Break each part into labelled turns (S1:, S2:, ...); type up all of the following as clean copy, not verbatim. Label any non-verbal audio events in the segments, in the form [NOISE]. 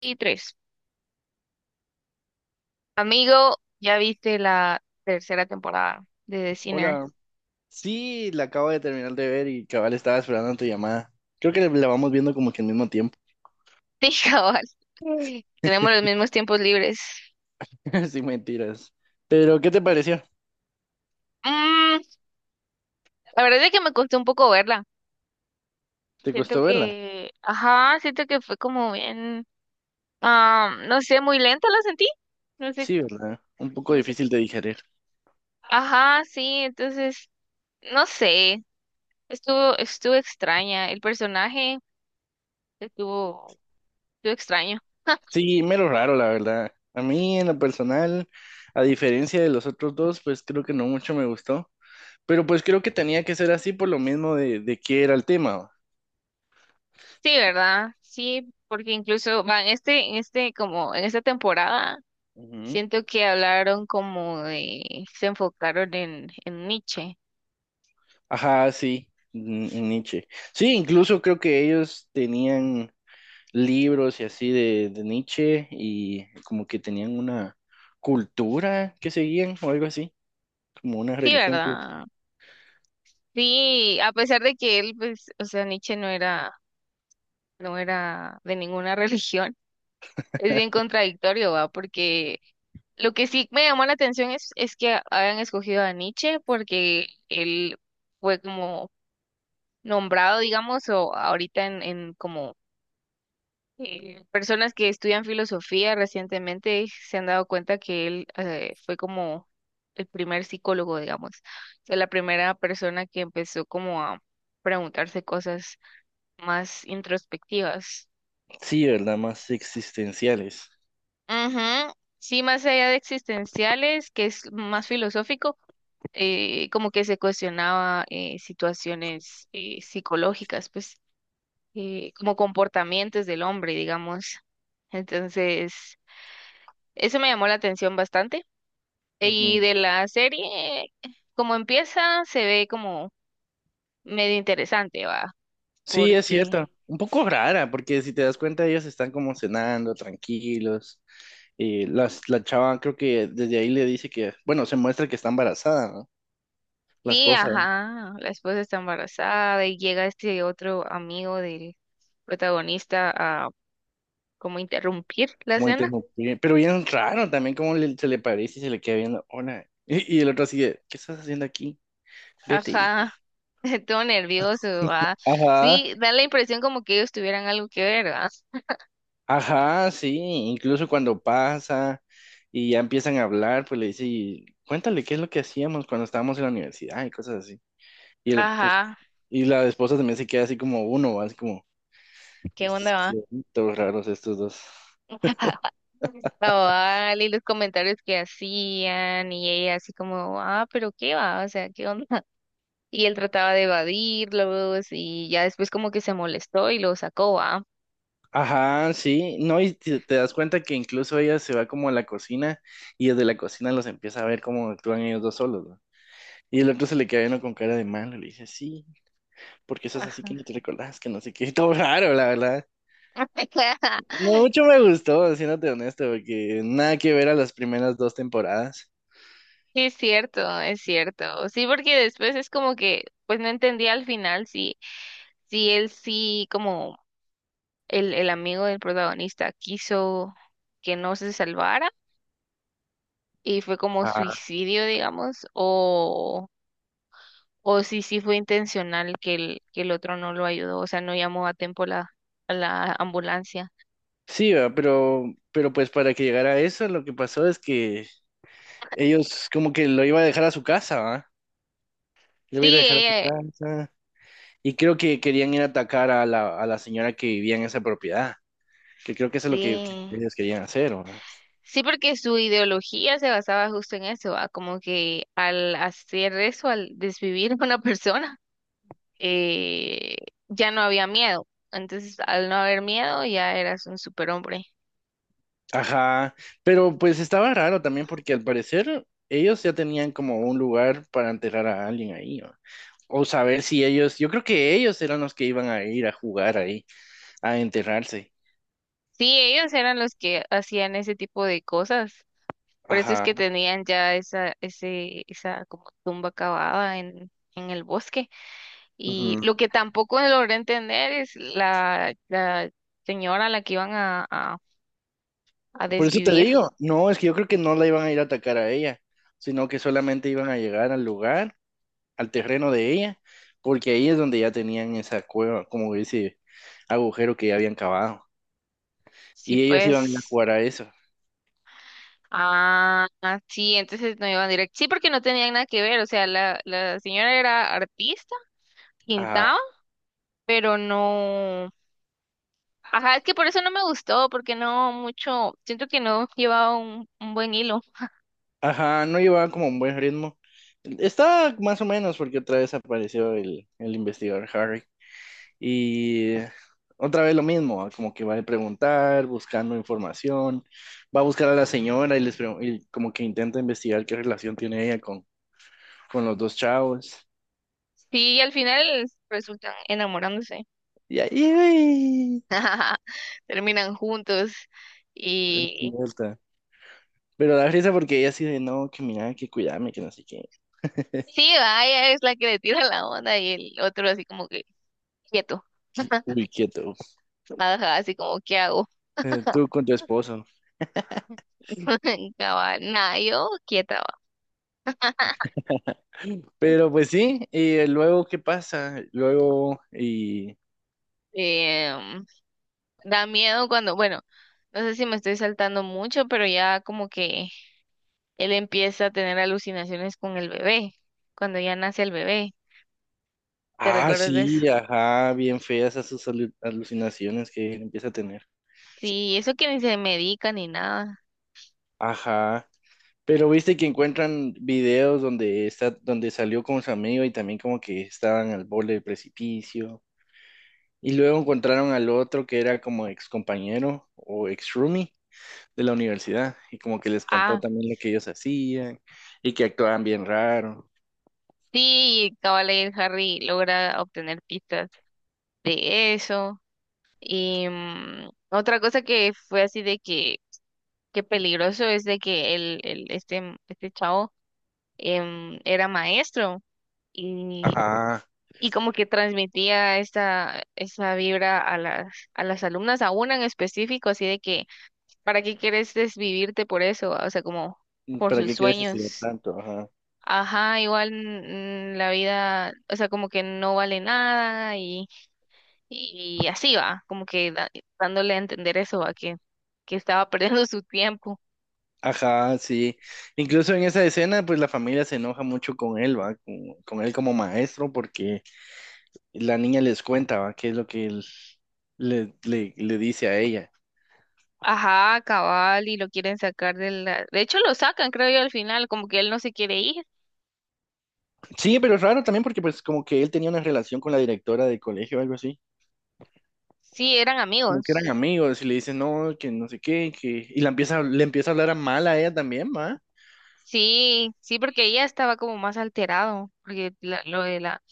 S1: Y tres. Amigo, ya viste la tercera temporada de The Sinner.
S2: Hola.
S1: [LAUGHS]
S2: Sí, la acabo de terminar de ver y cabal estaba esperando tu llamada. Creo que la vamos viendo como que al mismo tiempo.
S1: Sí, cabal. Sí. Tenemos los mismos tiempos libres.
S2: [LAUGHS] sí, mentiras. Pero, ¿qué te pareció?
S1: Mm, la verdad es que me costó un poco verla.
S2: ¿Te
S1: Siento
S2: costó verla?
S1: que, ajá, siento que fue como bien, no sé, muy lenta la sentí. No sé,
S2: Sí, ¿verdad? Un poco
S1: no sé.
S2: difícil de digerir.
S1: Ajá, sí, no sé. Estuvo extraña. El personaje estuvo, estuvo extraño.
S2: Sí, mero raro, la verdad. A mí, en lo personal, a diferencia de los otros dos, pues creo que no mucho me gustó. Pero pues creo que tenía que ser así por lo mismo de qué era el tema.
S1: Sí, ¿verdad? Sí, porque incluso van este, en este, como en esta temporada,
S2: Ujú.
S1: siento que se enfocaron en Nietzsche.
S2: Ajá, sí, Nietzsche. Sí, incluso creo que ellos tenían libros y así de Nietzsche y como que tenían una cultura que seguían o algo así, como una
S1: Sí,
S2: religión, pues.
S1: ¿verdad? Sí, a pesar de que él, pues, o sea, Nietzsche no era, no era de ninguna [LAUGHS] religión, es bien
S2: [LAUGHS]
S1: contradictorio, ¿va? Porque lo que sí me llamó la atención es que hayan escogido a Nietzsche porque él fue como nombrado, digamos, o ahorita en como personas que estudian filosofía recientemente se han dado cuenta que él fue como el primer psicólogo, digamos, o sea, la primera persona que empezó como a preguntarse cosas más introspectivas.
S2: Sí, ¿verdad? Más existenciales.
S1: Ujú. Sí, más allá de existenciales, que es más filosófico, como que se cuestionaba situaciones psicológicas, pues como comportamientos del hombre, digamos. Entonces, eso me llamó la atención bastante. Y
S2: Ujú.
S1: de la serie, como empieza, se ve como medio interesante, va,
S2: Sí, es
S1: porque
S2: cierto. Un poco rara, porque si te das cuenta, ellos están como cenando, tranquilos. Y la chava creo que desde ahí le dice que, bueno, se muestra que está embarazada, ¿no? La
S1: sí,
S2: esposa, ¿eh?
S1: ajá, la esposa está embarazada y llega este otro amigo del protagonista a como interrumpir la
S2: Como
S1: escena.
S2: interrumpir. Pero bien raro también, como se le parece y se le queda viendo, hola. Y el otro sigue, ¿qué estás haciendo aquí? Vete.
S1: Ajá, [LAUGHS] todo nervioso, va.
S2: Ajá,
S1: Sí, da la impresión como que ellos tuvieran algo que ver, va.
S2: ajá, sí, incluso cuando pasa y ya empiezan a hablar, pues le dice, "Y cuéntale qué es lo que hacíamos cuando estábamos en la universidad y cosas así". Y el, pues,
S1: Ajá,
S2: y la esposa también se queda así como uno, así como, y
S1: ¿qué onda,
S2: estos
S1: va?
S2: qué, todos raros estos dos.
S1: [LAUGHS] Cabal, y los comentarios que hacían, y ella así como, ah, pero qué va, o sea, qué onda. Y él trataba de evadirlos y ya después como que se molestó y lo sacó, ah.
S2: Ajá, sí, no, y te das cuenta que incluso ella se va como a la cocina y desde la cocina los empieza a ver cómo actúan ellos dos solos, ¿no? Y el otro se le queda uno con cara de malo, le dice, sí, porque eso es así que
S1: [LAUGHS]
S2: no te recordás, que no sé qué, [LAUGHS] todo raro, la verdad. No mucho me gustó, siéndote honesto, porque nada que ver a las primeras dos temporadas.
S1: Es cierto, es cierto. Sí, porque después es como que, pues no entendía al final si, si él sí, como el amigo del protagonista quiso que no se salvara y fue como
S2: Ah,
S1: suicidio, digamos, o si sí fue intencional que que el otro no lo ayudó, o sea, no llamó a tiempo a la ambulancia.
S2: sí, va, pero pues para que llegara a eso, lo que pasó es que ellos como que lo iba a dejar a su casa, ¿va? Lo iba
S1: Sí,
S2: a ir a dejar a su casa. Y creo que querían ir a atacar a a la señora que vivía en esa propiedad, que creo que eso es lo que
S1: sí,
S2: ellos querían hacer, ¿va?
S1: sí, porque su ideología se basaba justo en eso, ¿va? Como que al hacer eso, al desvivir [LAUGHS] a una persona, eh, ya no había miedo. Entonces, al no haber miedo, ya eras un superhombre.
S2: Ajá, pero pues estaba raro también porque al parecer ellos ya tenían como un lugar para enterrar a alguien ahí, ¿va? O saber si ellos, yo creo que ellos eran los que iban a ir a jugar ahí, a enterrarse.
S1: Sí, ellos eran los que hacían ese tipo de cosas. Por eso es que
S2: Ajá.
S1: tenían ya esa como tumba cavada en el bosque. Y
S2: Ujú.
S1: lo que tampoco logré entender es la señora a la que iban a
S2: Por eso te
S1: desvivir.
S2: digo, no, es que yo creo que no la iban a ir a atacar a ella, sino que solamente iban a llegar al lugar, al terreno de ella, porque ahí es donde ya tenían esa cueva, como ese agujero que ya habían cavado.
S1: Sí,
S2: Y ellos iban a ir a
S1: pues.
S2: jugar a eso.
S1: Ah, sí, entonces no iban directo. Sí, porque no tenían nada que ver. O sea, la señora era artista,
S2: Ajá.
S1: pintaba, pero no. Ajá, es que por eso no me gustó, porque no mucho. Siento que no llevaba un buen hilo.
S2: Ajá, no llevaban como un buen ritmo. Está más o menos porque otra vez apareció el investigador Harry. Y otra vez lo mismo, como que va a preguntar, buscando información, va a buscar a la señora y y como que intenta investigar qué relación tiene ella con los dos chavos.
S1: Sí, y al final resultan enamorándose.
S2: Y ahí,
S1: [LAUGHS] Terminan juntos. Y
S2: idiota. Pero da risa porque ella así de, no, que mira, que cuidarme, que no sé qué.
S1: sí, vaya, es la que le tira la onda y el otro así como que quieto. [LAUGHS]
S2: Uy, quieto.
S1: Ajá, así como, ¿qué hago?
S2: Tú con tu esposo.
S1: [LAUGHS] Cabal, nada, yo quieta, va.
S2: Pero pues sí, y luego, ¿qué pasa? Luego, y...
S1: Em, Da miedo cuando, bueno, no sé si me estoy saltando mucho, pero ya como que él empieza a tener alucinaciones con el bebé, cuando ya nace el bebé. ¿Te
S2: Ah,
S1: recuerdas de eso?
S2: sí, ajá, bien feas esas alucinaciones que empieza a tener.
S1: Sí, eso que ni se medica ni nada.
S2: Ajá. Pero viste que encuentran videos donde está, donde salió con su amigo y también como que estaban al borde del precipicio. Y luego encontraron al otro que era como ex compañero o ex roomie de la universidad. Y como que les contó
S1: Ah,
S2: también lo que ellos hacían y que actuaban bien raro.
S1: sí, cabal, ahí el Harry logra obtener pistas de eso. Y otra cosa que fue así de que peligroso es de que este chavo era maestro y,
S2: Ajá.
S1: y como que transmitía esa vibra a a las alumnas, a una en específico, así de que, ¿para qué quieres desvivirte por eso? O sea, como por
S2: ¿Para
S1: sus
S2: qué quieres estudiar
S1: sueños.
S2: tanto? Ajá.
S1: Ajá, igual la vida, o sea, como que no vale nada y, y así va, como que dándole a entender eso, va, que estaba [LAUGHS] perdiendo su tiempo.
S2: Ajá, sí. Incluso en esa escena, pues la familia se enoja mucho con él, ¿va? Con él como maestro, porque la niña les cuenta, ¿va? ¿Qué es lo que él le dice a ella?
S1: Ajá, cabal, y lo quieren sacar de la... De hecho, lo sacan, creo yo, al final, como que él no se quiere ir.
S2: Sí, pero es raro también porque pues como que él tenía una relación con la directora del colegio o algo así.
S1: Sí, eran
S2: Como que eran
S1: amigos.
S2: amigos y le dice, no, que no sé qué, que... Y la empieza, le empieza a hablar a mal a ella también, ¿va?
S1: Sí, sí, porque ella estaba como más alterado, porque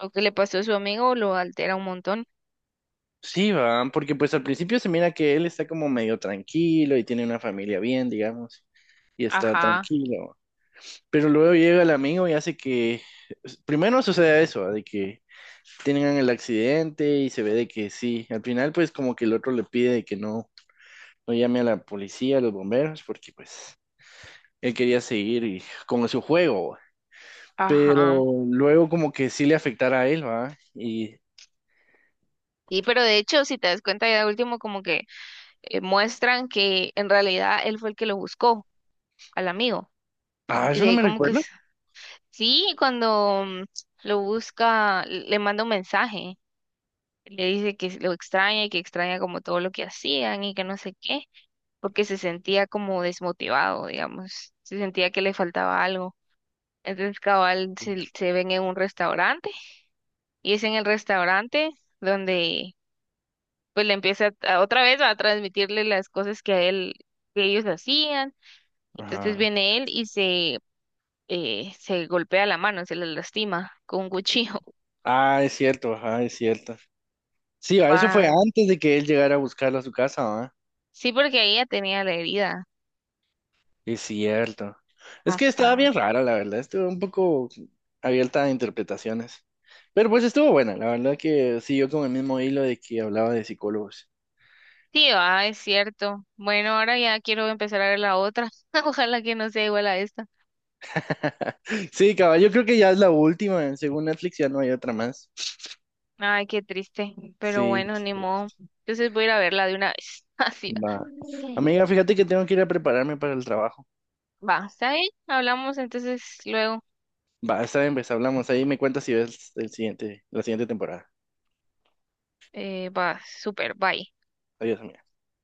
S1: lo que le pasó a su amigo lo altera un montón.
S2: Sí, va, porque pues al principio se mira que él está como medio tranquilo y tiene una familia bien, digamos, y está
S1: Ajá,
S2: tranquilo. Pero luego llega el amigo y hace que, primero sucede eso, ¿va? De que tengan el accidente y se ve de que sí. Al final, pues como que el otro le pide de que no, no llame a la policía, a los bomberos, porque pues él quería seguir con su juego, ¿va? Pero
S1: ajá.
S2: luego como que sí le afectara a él, ¿va? Y,
S1: Sí, pero de hecho, si te das cuenta, ya de último como que muestran que en realidad él fue el que lo buscó al amigo.
S2: ah,
S1: Y
S2: eso
S1: de
S2: no
S1: ahí
S2: me
S1: como que
S2: recuerdo.
S1: sí, cuando lo busca, le manda un mensaje, le dice que lo extraña y que extraña como todo lo que hacían y que no sé qué. Porque se sentía como desmotivado, digamos, se sentía que le faltaba algo. Entonces, cabal, se ven en un restaurante y es en el restaurante donde pues le empieza otra vez a transmitirle las cosas que a él, que ellos hacían. Entonces
S2: Ajá.
S1: viene él y se golpea la mano, se le lastima con un cuchillo.
S2: Ah, es cierto, ajá, es cierto. Sí,
S1: [LAUGHS]
S2: va, eso fue
S1: Va,
S2: antes de que él llegara a buscarla a su casa, ¿va?
S1: sí, porque ella tenía la herida.
S2: Es cierto. Es que estaba
S1: Ajá.
S2: bien rara, la verdad. Estuvo un poco abierta a interpretaciones. Pero pues estuvo buena. La verdad que siguió con el mismo hilo de que hablaba de psicólogos.
S1: Sí, va, es cierto. Bueno, ahora ya quiero empezar a ver la otra. [LAUGHS] Ojalá que no sea igual a esta.
S2: [LAUGHS] Sí, caballo, yo creo que ya es la última, ¿eh? Según Netflix ya no hay otra más.
S1: Ay, qué triste, pero
S2: Sí.
S1: bueno, ni modo. Entonces voy a ir a verla de una vez. [LAUGHS] Así va.
S2: Va. Amiga, fíjate que tengo que ir a prepararme para el trabajo.
S1: Va, ¿está bien? Hablamos entonces luego.
S2: Va, está bien, pues hablamos ahí. Me cuentas si ves el siguiente, la siguiente temporada.
S1: Va, súper, bye.
S2: Adiós, amiga.